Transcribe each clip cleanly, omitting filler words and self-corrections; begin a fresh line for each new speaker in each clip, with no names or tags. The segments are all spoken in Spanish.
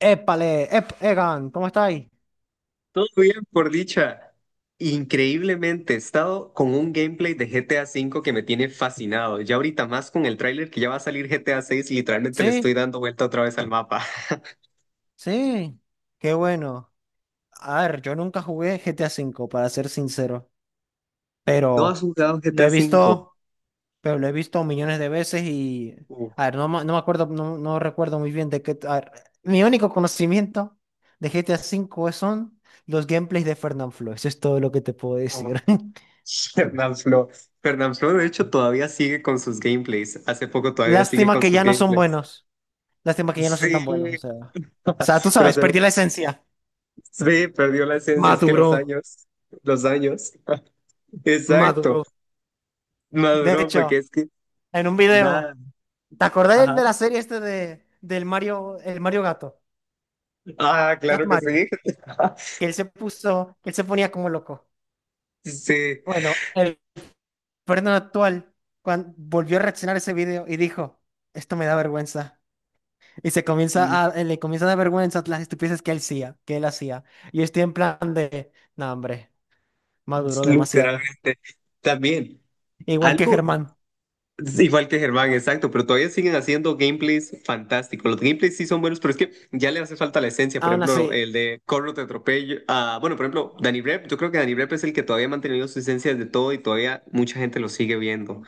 Épale, Egan, ¿cómo estáis?
Todo bien, por dicha. Increíblemente, he estado con un gameplay de GTA cinco que me tiene fascinado. Ya ahorita más con el tráiler que ya va a salir GTA VI, literalmente le estoy
Sí,
dando vuelta otra vez al mapa.
sí, qué bueno. A ver, yo nunca jugué GTA V, para ser sincero,
¿No has
pero
jugado
lo
GTA
he
cinco?
visto, pero lo he visto millones de veces y,
Uf,
a ver, no, no me acuerdo, no recuerdo muy bien de qué, a ver, mi único conocimiento de GTA V son los gameplays de Fernanfloo, eso es todo lo que te puedo
uf.
decir.
Fernanfloo. Fernanfloo, de hecho, todavía sigue con sus gameplays. Hace poco todavía sigue
Lástima
con
que
sus
ya no son
gameplays.
buenos, lástima que ya no son
Sí,
tan buenos, o sea, tú
pero
sabes, perdí la esencia.
sí, perdió la esencia, es que
Maduro,
los años, los años. Exacto,
maduro. De
maduró, porque
hecho,
es que
en un video,
nada.
¿te acordás del
Ajá.
de la serie este de del Mario, el Mario Gato,
Ah,
Cat
claro que
Mario,
sí.
que él se ponía como loco?
Sí.
Bueno, el Fernando actual cuando volvió a reaccionar a ese video y dijo, esto me da vergüenza. Y se
Mm.
comienza a, le comienza a dar vergüenza las estupideces que él hacía, que él hacía. Y yo estoy en plan de, no, hombre, maduró demasiado.
Literalmente. También,
Igual que
algo
Germán.
igual que Germán, exacto, pero todavía siguen haciendo gameplays fantásticos. Los gameplays sí son buenos, pero es que ya le hace falta la esencia. Por
Aún
ejemplo,
así.
el de Corro te atropello. Ah, bueno, por ejemplo, Danny Rep. Yo creo que Danny Rep es el que todavía ha mantenido su esencia de todo y todavía mucha gente lo sigue viendo.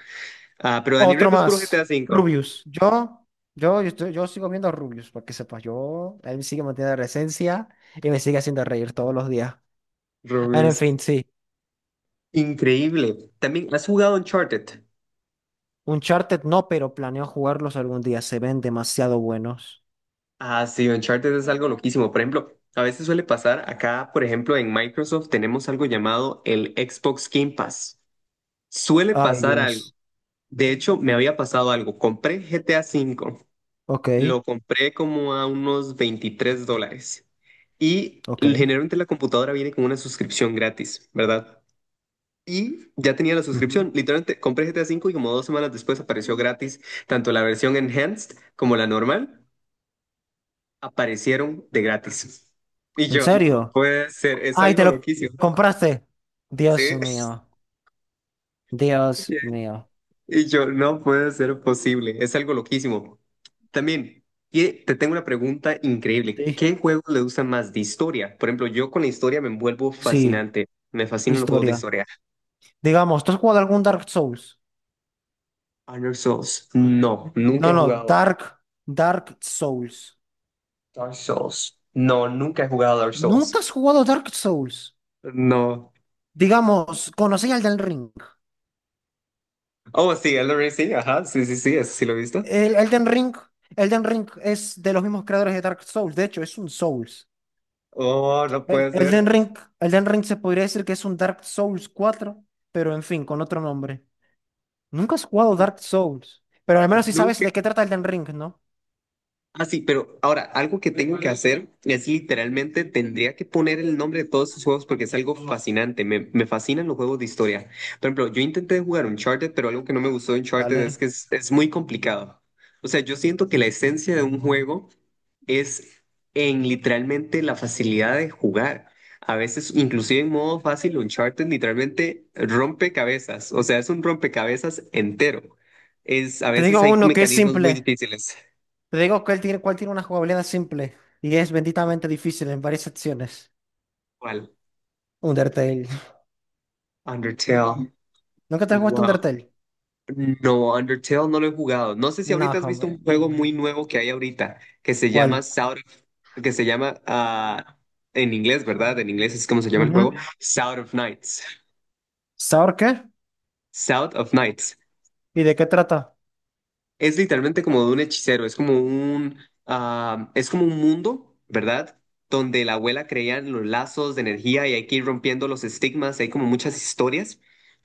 Ah, pero Danny
Otro
Rep es puro
más,
GTA cinco.
Rubius. Yo sigo viendo a Rubius, para que sepas, yo, él sigue manteniendo la esencia y me sigue haciendo reír todos los días. Ah, en
Rubius.
fin, sí,
Increíble. También, ¿has jugado Uncharted?
Uncharted no, pero planeo jugarlos algún día, se ven demasiado buenos.
Ah, sí, Uncharted es algo loquísimo. Por ejemplo, a veces suele pasar, acá, por ejemplo, en Microsoft tenemos algo llamado el Xbox Game Pass. Suele
Ay,
pasar algo.
Dios.
De hecho, me había pasado algo. Compré GTA V,
Ok,
lo compré como a unos $23 y
ok.
generalmente la computadora viene con una suscripción gratis, ¿verdad? Y ya tenía la
Ujú.
suscripción. Literalmente compré GTA V y como 2 semanas después apareció gratis tanto la versión enhanced como la normal. Aparecieron de gratis. Y
¿En
yo, no
serio?
puede ser, es
Ay, ¿te
algo
lo
loquísimo.
compraste? Dios
Sí.
mío, Dios mío.
Y yo, no puede ser posible, es algo loquísimo. También, y te tengo una pregunta increíble.
Sí.
¿Qué juegos le gustan más de historia? Por ejemplo, yo con la historia me envuelvo
Sí,
fascinante. Me fascinan los juegos de
historia.
historia.
Digamos, ¿tú has jugado algún Dark Souls?
Honor Souls, no,
No,
nunca he
no,
jugado.
Dark Souls.
Dark Souls, no, nunca he jugado Dark Souls.
¿Nunca has jugado Dark Souls?
No.
Digamos, conocí Elden Ring.
Oh, sí, Elden Ring, sí, ajá, sí, sí, sí, eso sí lo he visto.
El Elden Ring, Elden Ring es de los mismos creadores de Dark Souls. De hecho, es un Souls.
Oh, no
El-
puede ser.
Elden Ring, Elden Ring se podría decir que es un Dark Souls 4, pero en fin, con otro nombre. Nunca has jugado Dark Souls, pero al menos si sabes
Nunca.
de qué trata Elden Ring, ¿no?
Ah, sí, pero ahora, algo que tengo que hacer es literalmente tendría que poner el nombre de todos estos juegos porque es algo fascinante. Me fascinan los juegos de historia. Por ejemplo, yo intenté jugar Uncharted, pero algo que no me gustó de Uncharted es
Dale.
que es muy complicado. O sea, yo siento que la esencia de un juego es en literalmente la facilidad de jugar. A veces, inclusive en modo fácil, Uncharted literalmente rompe cabezas. O sea, es un rompecabezas entero. A
Te
veces
digo
hay
uno que es
mecanismos muy
simple.
difíciles.
Te digo que él tiene, cuál tiene una jugabilidad simple y es benditamente difícil en varias secciones. Undertale.
Undertale.
¿Nunca te has jugado
Wow.
Undertale?
No, Undertale no lo he jugado. No sé si
No,
ahorita has visto
hombre,
un juego
no.
muy nuevo que hay ahorita, que se llama
¿Cuál?
Que se llama en inglés, ¿verdad? En inglés es como se llama el
Ujú.
juego, South of Nights.
¿Saur qué?
South of Nights.
¿Y de qué trata?
Es literalmente como de un hechicero, es como un mundo, ¿verdad? Donde la abuela creía en los lazos de energía y hay que ir rompiendo los estigmas, hay como muchas historias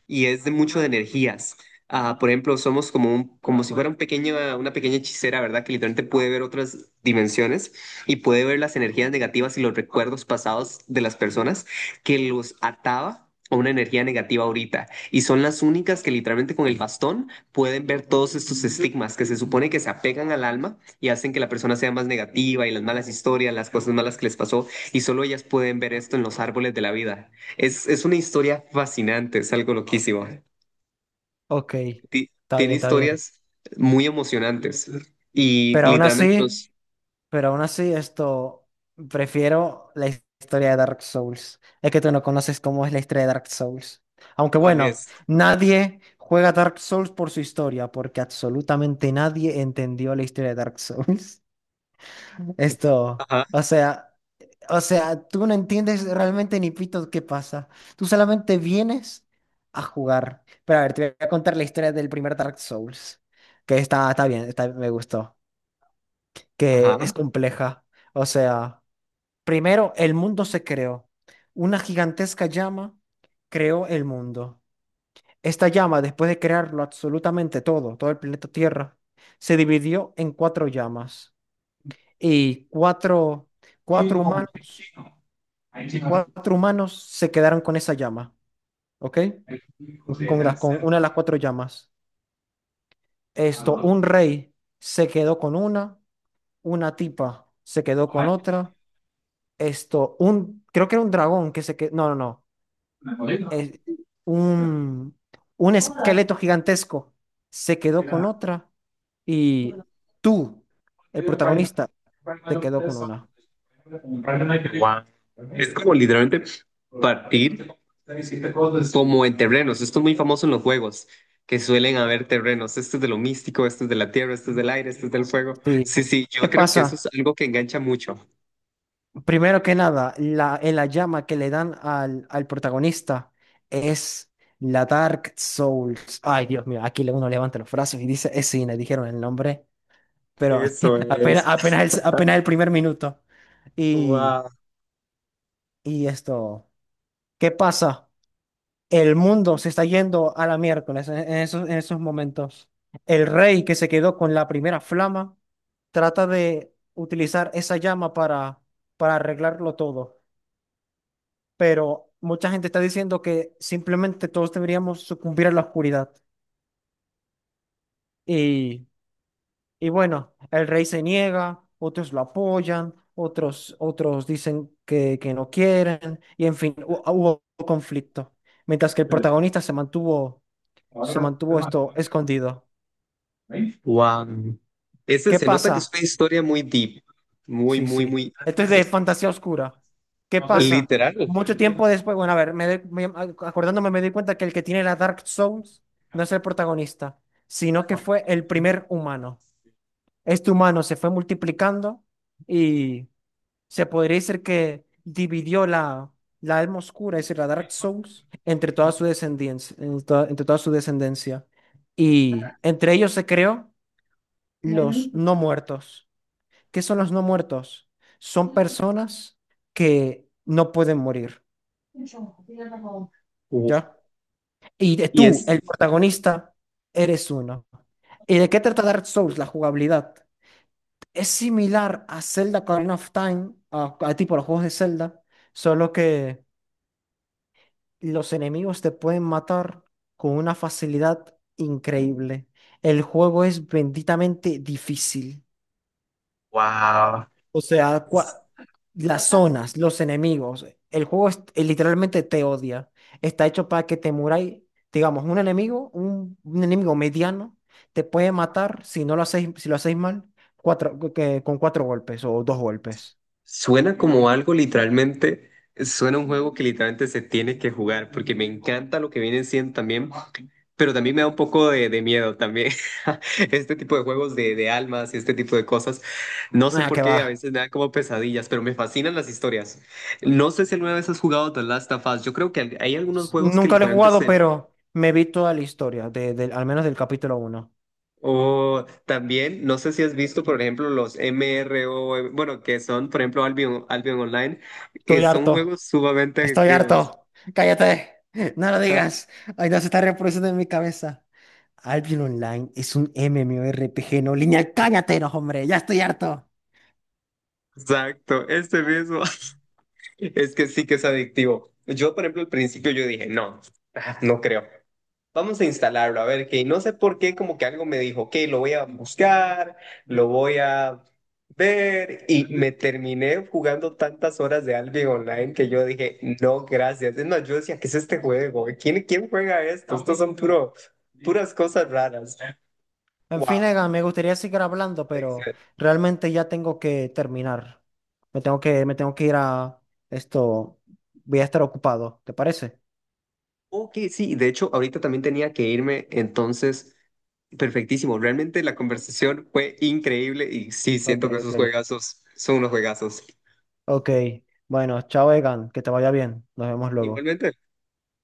y es de mucho de energías. Ah, por ejemplo, como si fuera una pequeña hechicera, ¿verdad? Que literalmente puede ver otras dimensiones y puede ver las energías negativas y los recuerdos pasados de las personas que los ataba a una energía negativa ahorita. Y son las únicas que literalmente con el bastón pueden ver todos estos estigmas que se supone que se apegan al alma y hacen que la persona sea más negativa y las malas historias, las cosas malas que les pasó, y solo ellas pueden ver esto en los árboles de la vida. Es una historia fascinante, es algo loquísimo.
Ok,
Ti-
está
Tiene
bien, está bien.
historias muy emocionantes y
Pero aún
literalmente
así,
los...
pero aún así, esto, prefiero la historia de Dark Souls. Es que tú no conoces cómo es la historia de Dark Souls. Aunque
¿Cuál
bueno,
es?
nadie juega Dark Souls por su historia, porque absolutamente nadie entendió la historia de Dark Souls. Esto,
Ajá,
o sea, tú no entiendes realmente ni pito qué pasa. Tú solamente vienes a jugar. Pero a ver, te voy a contar la historia del primer Dark Souls, que está, está bien, está, me gustó, que es
ajá.
compleja. O sea, primero el mundo se creó. Una gigantesca llama creó el mundo. Esta llama, después de crearlo absolutamente todo, todo el planeta Tierra, se dividió en cuatro llamas y cuatro humanos. Cuatro humanos se quedaron con esa llama, ¿ok? Con con una de las cuatro llamas. Esto, un rey se quedó con una tipa se quedó con otra. Esto, un, creo que era un dragón que se quedó, no. Es un, un esqueleto gigantesco se quedó con otra y tú, el protagonista, te quedó con una.
Es como literalmente partir como en terrenos. Esto es muy famoso en los juegos, que suelen haber terrenos. Esto es de lo místico, esto es de la tierra, esto es del aire, esto es del fuego.
Sí.
Sí, sí,
¿Qué
yo creo que eso es
pasa?
algo que engancha mucho.
Primero que nada, la, en la llama que le dan al protagonista es la Dark Souls. Ay, Dios mío, aquí uno levanta los brazos y dice, es cine, dijeron el nombre, pero
Eso es.
apenas, apenas el primer minuto. Y,
Wow.
y esto, ¿qué pasa? El mundo se está yendo a la miércoles en esos momentos. El rey que se quedó con la primera flama trata de utilizar esa llama para arreglarlo todo. Pero mucha gente está diciendo que simplemente todos deberíamos sucumbir a la oscuridad. Y, y bueno, el rey se niega, otros lo apoyan, otros, otros dicen que no quieren, y en fin, hubo conflicto. Mientras que el protagonista se mantuvo esto escondido.
Wow. Ese
¿Qué
se nota que es
pasa?
una historia muy deep, muy,
Sí,
muy,
sí.
muy
Esto es de fantasía oscura. ¿Qué pasa?
literal.
Mucho tiempo después, bueno, a ver, acordándome me doy cuenta que el que tiene la Dark Souls no es el protagonista, sino que fue el primer humano. Este humano se fue multiplicando y se podría decir que dividió la alma oscura, es decir, la Dark Souls, entre toda su descendencia, entre toda su descendencia. Y entre ellos se creó los no muertos. ¿Qué son los no muertos? Son personas que no pueden morir,
Wow.
¿ya? Y
Y
tú,
es,
el protagonista, eres uno. ¿Y de qué trata Dark Souls? La jugabilidad. Es similar a Zelda Ocarina of Time, a tipo los juegos de Zelda, solo que los enemigos te pueden matar con una facilidad increíble. El juego es benditamente difícil. O sea, las zonas, los enemigos, literalmente te odia. Está hecho para que te muráis, digamos, un enemigo, un enemigo mediano, te puede matar si no lo hacéis, si lo hacéis mal, con cuatro golpes o dos golpes.
Suena como algo literalmente, suena un juego que literalmente se tiene que jugar, porque me encanta lo que viene siendo también, pero también me da un poco de miedo también. Este tipo de juegos de almas y este tipo de cosas, no sé
Ah,
por
que
qué, a
va.
veces me dan como pesadillas, pero me fascinan las historias. No sé si alguna vez has jugado The Last of Us, yo creo que hay algunos juegos que
Nunca lo he
literalmente
jugado,
se...
pero me vi toda la historia, al menos del capítulo uno.
O también, no sé si has visto, por ejemplo, los MRO, bueno, que son, por ejemplo, Albion, Albion Online, que
Estoy
son
harto.
juegos sumamente
Estoy
adictivos.
harto. Cállate. No lo digas. Ay, no se está reproduciendo en mi cabeza. Albion Online es un MMORPG no lineal. Cállate, no, hombre. Ya estoy harto.
Exacto, este mismo. Es que sí que es adictivo. Yo, por ejemplo, al principio yo dije, no, no creo. Vamos a instalarlo, a ver qué. Y no sé por qué, como que algo me dijo, ok, lo voy a buscar, lo voy a ver. Y me terminé jugando tantas horas de Albion Online que yo dije, no, gracias. Es yo decía, ¿qué es este juego? ¿Quién juega esto? Estos son puro, puras cosas raras.
En fin,
Wow.
Egan, me gustaría seguir hablando, pero realmente ya tengo que terminar. Me tengo que ir a esto. Voy a estar ocupado. ¿Te parece?
Ok, sí, de hecho, ahorita también tenía que irme, entonces, perfectísimo. Realmente la conversación fue increíble y sí,
Ok,
siento que
ok.
esos juegazos son unos juegazos.
Ok. Bueno, chao, Egan. Que te vaya bien. Nos vemos luego.
Igualmente.